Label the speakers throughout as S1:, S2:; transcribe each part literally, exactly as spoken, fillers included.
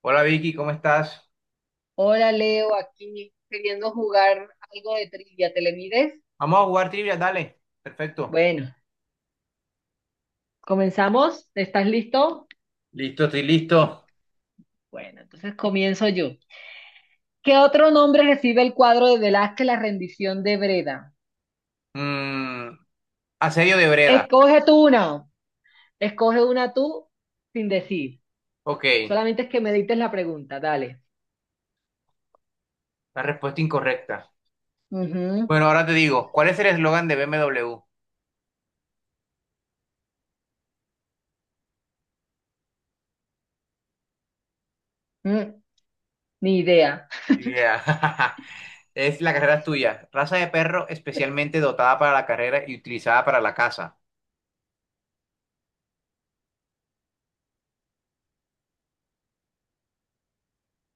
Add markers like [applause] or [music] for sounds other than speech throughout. S1: Hola Vicky, ¿cómo estás?
S2: Hola Leo, aquí queriendo jugar algo de trivia. ¿Te le mides?
S1: Vamos a jugar trivia, dale. Perfecto.
S2: Bueno, comenzamos. ¿Estás listo?
S1: Listo, estoy listo.
S2: Bueno, entonces comienzo yo. ¿Qué otro nombre recibe el cuadro de Velázquez, La rendición de Breda?
S1: Mm, asedio de Breda.
S2: Escoge tú una. Escoge una tú sin decir.
S1: Ok,
S2: Solamente es que me dites la pregunta. Dale.
S1: la respuesta incorrecta.
S2: Ujú.
S1: Bueno, ahora te digo, ¿cuál es el eslogan de B M W?
S2: Mm, Ni idea.
S1: Idea. [laughs] Es la carrera es tuya. Raza de perro especialmente dotada para la carrera y utilizada para la caza.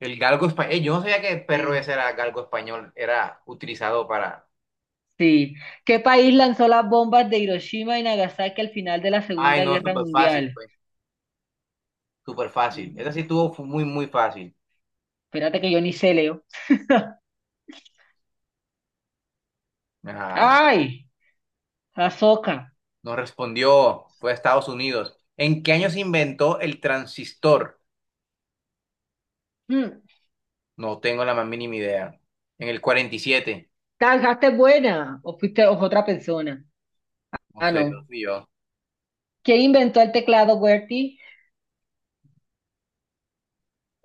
S1: El galgo español. Yo no sabía que el
S2: Eh,
S1: perro ese era galgo español, era utilizado para.
S2: sí. ¿Qué país lanzó las bombas de Hiroshima y Nagasaki al final de la
S1: Ay,
S2: Segunda
S1: no,
S2: Guerra
S1: súper fácil,
S2: Mundial?
S1: pues. Súper fácil. Esa
S2: Mm,
S1: sí estuvo fu- muy, muy fácil.
S2: Espérate que yo ni sé, Leo.
S1: Ajá.
S2: Ay, Azoka.
S1: Nos respondió, fue a Estados Unidos. ¿En qué año se inventó el transistor?
S2: Mm,
S1: No tengo la más mínima idea. En el cuarenta y siete.
S2: ¿La buena o fuiste o- otra persona?
S1: No
S2: Ah,
S1: sé,
S2: no.
S1: no fui yo.
S2: ¿Quién inventó el teclado, Bertie?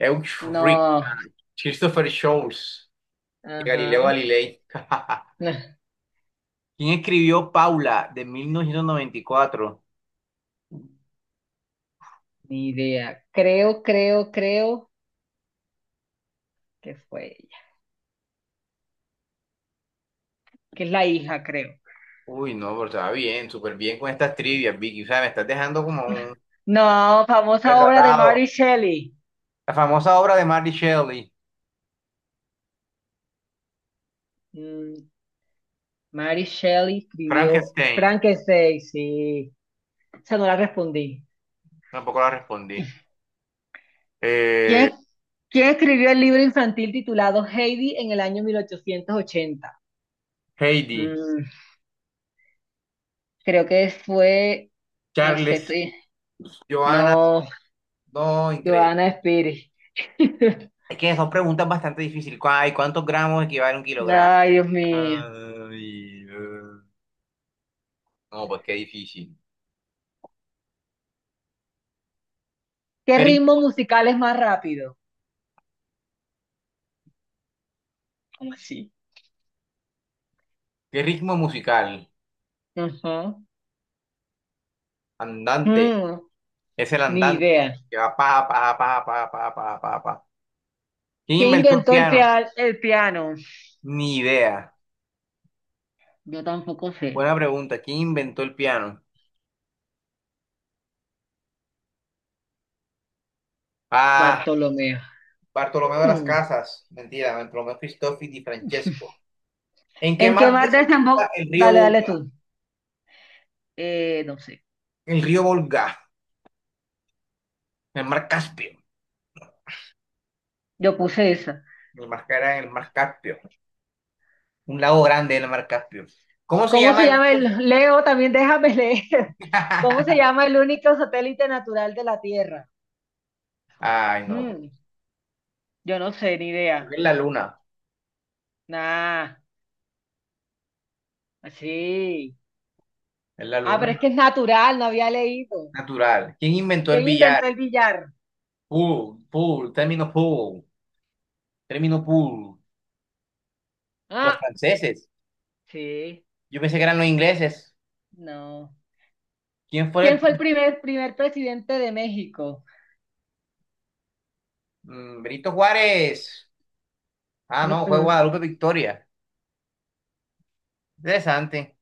S1: Euchrich,
S2: No.
S1: ah, Christopher Scholz y Galileo
S2: Ajá.
S1: Galilei. [laughs]
S2: No,
S1: ¿Quién escribió Paula de mil novecientos noventa y cuatro?
S2: ni idea. Creo, creo, creo que fue ella. Que es la hija, creo.
S1: Uy, no, pero estaba bien, súper bien con estas trivias, Vicky. O sea, me estás dejando como un
S2: No, famosa obra de
S1: retratado.
S2: Mary Shelley.
S1: La famosa obra de Mary Shelley,
S2: Mm, Mary Shelley escribió
S1: Frankenstein.
S2: Frankenstein, sí. Esa no la respondí.
S1: Tampoco la respondí. Eh,
S2: ¿Quién, quién escribió el libro infantil titulado Heidi en el año mil ochocientos ochenta?
S1: Heidi.
S2: Mm, creo que fue, no sé,
S1: Charles,
S2: estoy-
S1: Joana,
S2: no,
S1: no, increíble.
S2: Joana Pérez. [laughs]
S1: Es que son preguntas bastante difíciles. ¿Cuá- ¿Y cuántos gramos equivale a un kilogramo?
S2: Ay, Dios mío.
S1: Ay, eh, no, pues qué difícil.
S2: ¿Qué
S1: ¿Qué
S2: ritmo
S1: ritmo,
S2: musical es más rápido? ¿Cómo así?
S1: ¿qué ritmo musical?
S2: Ajá.
S1: Andante.
S2: Mm,
S1: Es el
S2: ni
S1: andante,
S2: idea.
S1: que va pa, pa, pa, pa, pa, pa, pa, pa. ¿Quién
S2: ¿Quién
S1: inventó el
S2: inventó el,
S1: piano?
S2: pia- el piano?
S1: Ni idea.
S2: Yo tampoco sé.
S1: Buena pregunta. ¿Quién inventó el piano? Ah,
S2: Bartolomeo.
S1: Bartolomeo de las
S2: Mm.
S1: Casas, mentira, Bartolomeo Cristoffi di Francesco. ¿En qué
S2: ¿En qué
S1: mar
S2: mar
S1: desemboca
S2: desemboca?
S1: el río
S2: Dale, dale
S1: Volga?
S2: tú. Eh, no sé.
S1: El río Volga, en el mar Caspio.
S2: Yo puse esa.
S1: El mar era en el mar Caspio. Un lago grande en el mar Caspio. ¿Cómo se
S2: ¿Cómo
S1: llama
S2: se
S1: el
S2: llama
S1: rico?
S2: el... Leo, también déjame leer. [laughs] ¿Cómo se
S1: [laughs]
S2: llama el único satélite natural de la Tierra?
S1: Ay, no.
S2: Mm, yo no sé, ni
S1: Creo que
S2: idea.
S1: es la luna.
S2: Nah, así.
S1: Es la
S2: Ah,
S1: luna
S2: pero es que es natural, no había leído.
S1: natural. ¿Quién inventó el
S2: ¿Quién
S1: billar?
S2: inventó el billar?
S1: Pool, pool, término pool, término pool. Los
S2: Ah,
S1: franceses.
S2: sí,
S1: Yo pensé que eran los ingleses.
S2: no.
S1: ¿Quién fue
S2: ¿Quién
S1: el...
S2: fue el primer, primer presidente de México?
S1: Mm, Benito Juárez. Ah,
S2: Mm,
S1: no, fue
S2: mm.
S1: Guadalupe Victoria. Interesante.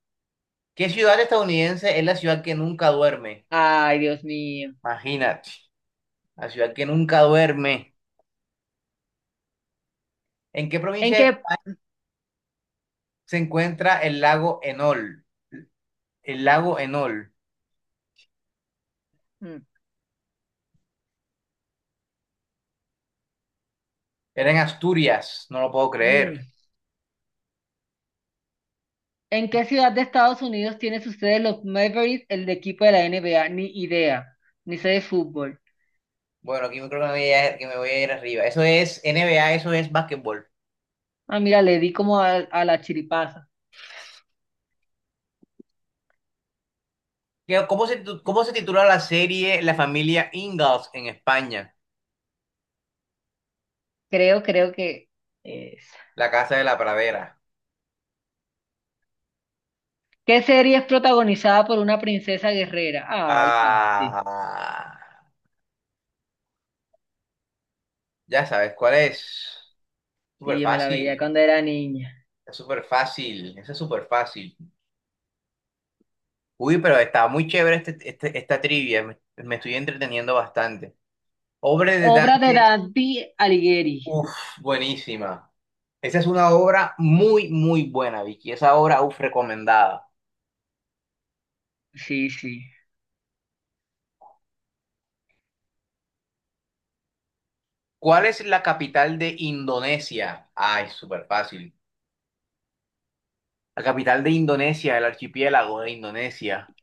S1: ¿Qué ciudad estadounidense es la ciudad que nunca duerme?
S2: Ay, Dios mío.
S1: Imagínate, la ciudad que nunca duerme. ¿En qué
S2: ¿En
S1: provincia
S2: qué,
S1: se encuentra el lago Enol? El lago Enol.
S2: mm,
S1: Era en Asturias, no lo puedo
S2: mm.
S1: creer.
S2: ¿En qué ciudad de Estados Unidos tiene su sede los Mavericks, el equipo de la N B A? Ni idea, ni sé de fútbol.
S1: Bueno, aquí creo que me voy a, que me voy a ir arriba. Eso es N B A, eso es básquetbol.
S2: Ah, mira, le di como a, a la chiripaza.
S1: ¿Qué- ¿Cómo se, titu- ¿cómo se titula la serie La familia Ingalls en España?
S2: Creo, creo que... es.
S1: La casa de la pradera.
S2: ¿Qué serie es protagonizada por una princesa guerrera? Ay, fácil.
S1: Ah, ya sabes cuál es.
S2: Sí,
S1: Súper
S2: yo me la veía
S1: fácil,
S2: cuando era niña.
S1: es súper fácil, eso es súper fácil. Uy, pero estaba muy chévere este, este- esta trivia, me, me estoy entreteniendo bastante. Obra de
S2: Obra de
S1: Dante.
S2: Dante Alighieri.
S1: Uf, buenísima. Esa es una obra muy, muy buena, Vicky. Esa obra, uf, recomendada.
S2: Sí, sí.
S1: ¿Cuál es la capital de Indonesia? Ay, súper fácil. La capital de Indonesia, el archipiélago de Indonesia.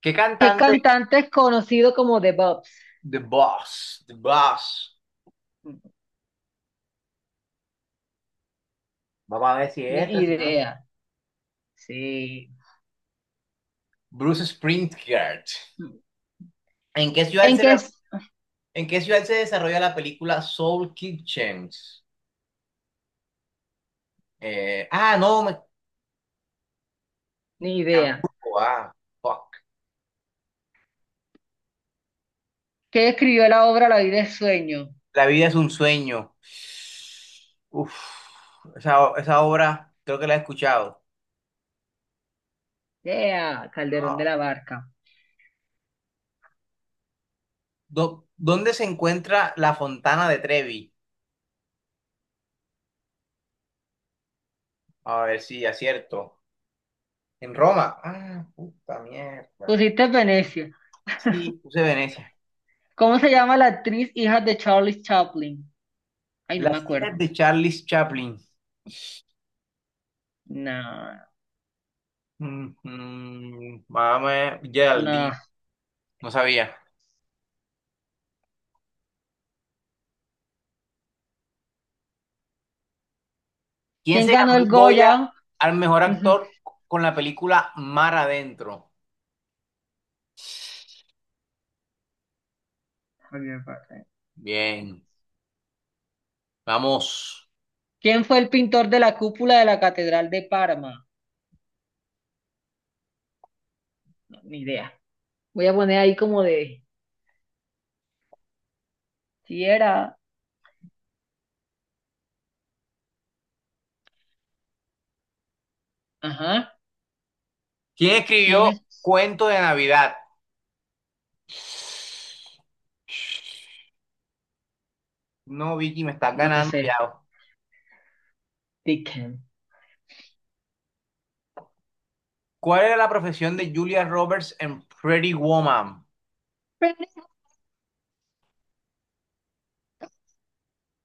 S1: ¿Qué
S2: ¿Qué
S1: cantante?
S2: cantante es conocido como The Bobs?
S1: The Boss, The Boss. Vamos a ver si es
S2: Ni
S1: esta, si no es.
S2: idea. Sí.
S1: Bruce Springsteen. ¿En qué ciudad
S2: ¿En
S1: se,
S2: qué es?
S1: ¿en qué ciudad se desarrolla la película Soul Kitchen? Eh, ah, no, me...
S2: Ni
S1: en
S2: idea.
S1: Hamburgo, ah, fuck.
S2: ¿Qué escribió la obra La vida es sueño?
S1: La vida es un sueño. Uf, esa, esa obra creo que la he escuchado.
S2: Yeah, Calderón de
S1: No.
S2: la Barca.
S1: Do- ¿dónde se encuentra la Fontana de Trevi? A ver si acierto. En Roma. Ah, puta mierda.
S2: Pusiste Venecia.
S1: Sí, puse Venecia.
S2: ¿Cómo se llama la actriz hija de Charlie Chaplin? Ay, no me
S1: Las hijas
S2: acuerdo.
S1: de Charlie Chaplin.
S2: No,
S1: Mm, mm, Mamá
S2: no.
S1: Geraldine. No sabía. ¿Quién
S2: ¿Quién
S1: se
S2: ganó
S1: ganó el
S2: el
S1: Goya
S2: Goya?
S1: al mejor
S2: Ujú.
S1: actor con la película Mar Adentro?
S2: Muy bien, Farfán.
S1: Bien, vamos.
S2: ¿Quién fue el pintor de la cúpula de la Catedral de Parma? No, ni idea. Voy a poner ahí como de. Si era. Ajá.
S1: ¿Quién
S2: ¿Quién
S1: escribió
S2: es?
S1: Cuento de Navidad? No, Vicky, me estás
S2: No no
S1: ganando
S2: sé.
S1: ya.
S2: Dickens.
S1: ¿Cuál era la profesión de Julia Roberts en Pretty Woman?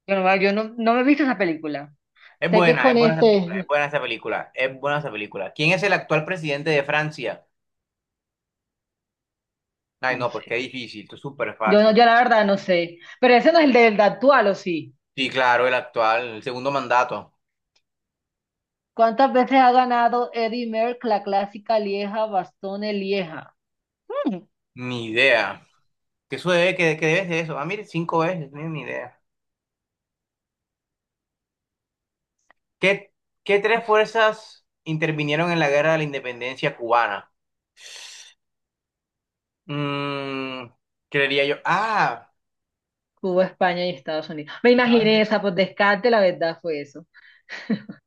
S2: Yo no, yo no, no me he visto esa película.
S1: Es
S2: Sé que es
S1: buena,
S2: con
S1: es buena esa película, es
S2: este.
S1: buena esa película, es buena esa película. ¿Quién es el actual presidente de Francia? Ay,
S2: No
S1: no, pues qué
S2: sé.
S1: difícil, esto es súper
S2: Yo no,
S1: fácil.
S2: yo la verdad no sé. Pero ese no es el del actual, ¿o sí?
S1: Sí, claro, el actual, el segundo mandato.
S2: ¿Cuántas veces ha ganado Eddie Merckx la clásica Lieja, Bastones Lieja? Mm.
S1: Ni idea. ¿Qué sucede? ¿qué, qué debe ser eso? Ah, mire, cinco veces, no, tengo ni idea. ¿Qué, ¿qué tres fuerzas intervinieron en la guerra de la independencia cubana? Mm, creería yo. Ah,
S2: Cuba, España y Estados Unidos. Me
S1: estaba
S2: imaginé
S1: entre-
S2: esa, por descarte, la verdad fue eso.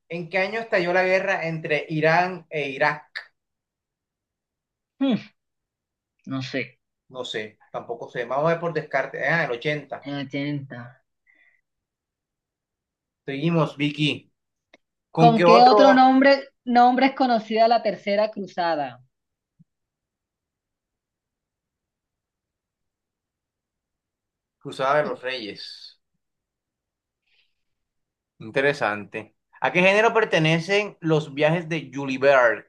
S1: ¿en qué año estalló la guerra entre Irán e Irak?
S2: Mm. No sé,
S1: No sé, tampoco sé. Vamos a ver por descarte. Ah, el ochenta.
S2: en el ochenta.
S1: Seguimos, Vicky. ¿Con qué
S2: ¿Con qué otro
S1: otro?
S2: nombre, nombre es conocida la Tercera Cruzada?
S1: Cruzada de los Reyes. Interesante. ¿A qué género pertenecen los viajes de Julie Berg?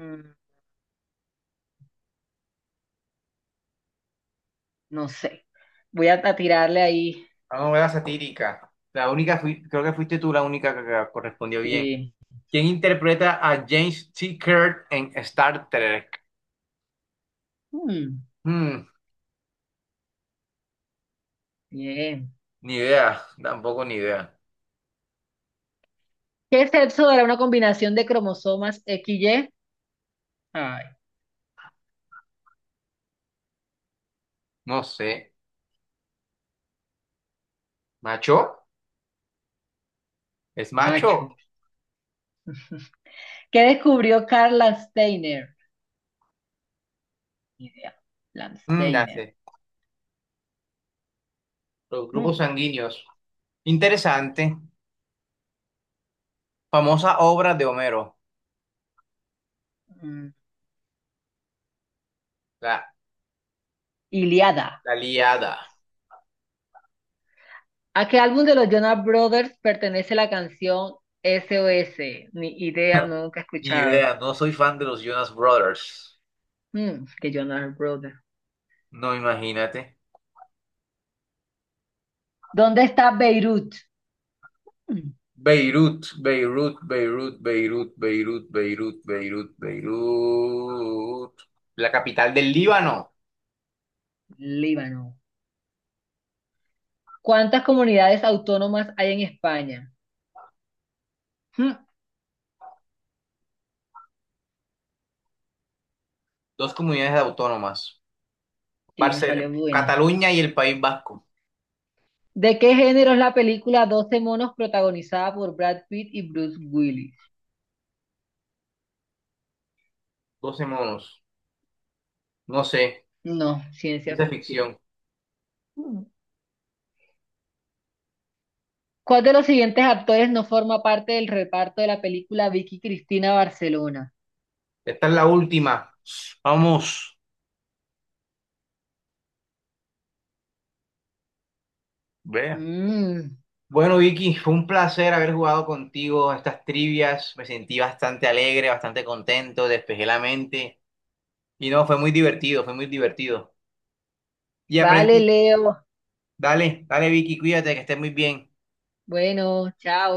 S2: Mm, no sé. Voy a, a tirarle ahí.
S1: A una novela satírica. La única, fui- creo que fuiste tú la única que que correspondió bien.
S2: Sí.
S1: ¿Quién interpreta a James T. Kirk en Star Trek?
S2: Mm,
S1: Hmm,
S2: bien.
S1: ni idea, tampoco ni idea.
S2: ¿Qué sexo era una combinación de cromosomas X Y? Ay,
S1: No sé. ¿Macho? ¿Es macho?
S2: macho. ¿Qué descubrió Karl Landsteiner? Ni idea.
S1: Mm, ya
S2: Landsteiner.
S1: sé. Los grupos
S2: Mm,
S1: sanguíneos. Interesante. Famosa obra de Homero.
S2: Mm,
S1: La,
S2: Iliada.
S1: la Ilíada.
S2: ¿A qué álbum de los Jonas Brothers pertenece la canción S O S? Ni idea, nunca he
S1: Ni
S2: escuchado.
S1: idea, no soy fan de los Jonas Brothers.
S2: Mm, que yo no era el brother.
S1: No, imagínate.
S2: ¿Dónde está Beirut? Mm.
S1: Beirut, Beirut, Beirut, Beirut, Beirut, Beirut, Beirut, Beirut. La capital del Líbano.
S2: Líbano. ¿Cuántas comunidades autónomas hay en España? Mm,
S1: Dos comunidades autónomas.
S2: sí, me
S1: Barce-
S2: salió buena.
S1: Cataluña y el País Vasco.
S2: ¿De qué género es la película Doce monos protagonizada por Brad Pitt y Bruce Willis?
S1: doce monos. No sé,
S2: No, ciencia
S1: ciencia
S2: ficción.
S1: ficción.
S2: Mm. ¿Cuál de los siguientes actores no forma parte del reparto de la película Vicky Cristina Barcelona?
S1: Esta es la última. Vamos. Ve,
S2: Mm,
S1: bueno, Vicky, fue un placer haber jugado contigo estas trivias. Me sentí bastante alegre, bastante contento, despejé la mente. Y no, fue muy divertido, fue muy divertido. Y
S2: Vale,
S1: aprendí.
S2: Leo.
S1: Dale, dale, Vicky, cuídate, que estés muy bien.
S2: Bueno, chao.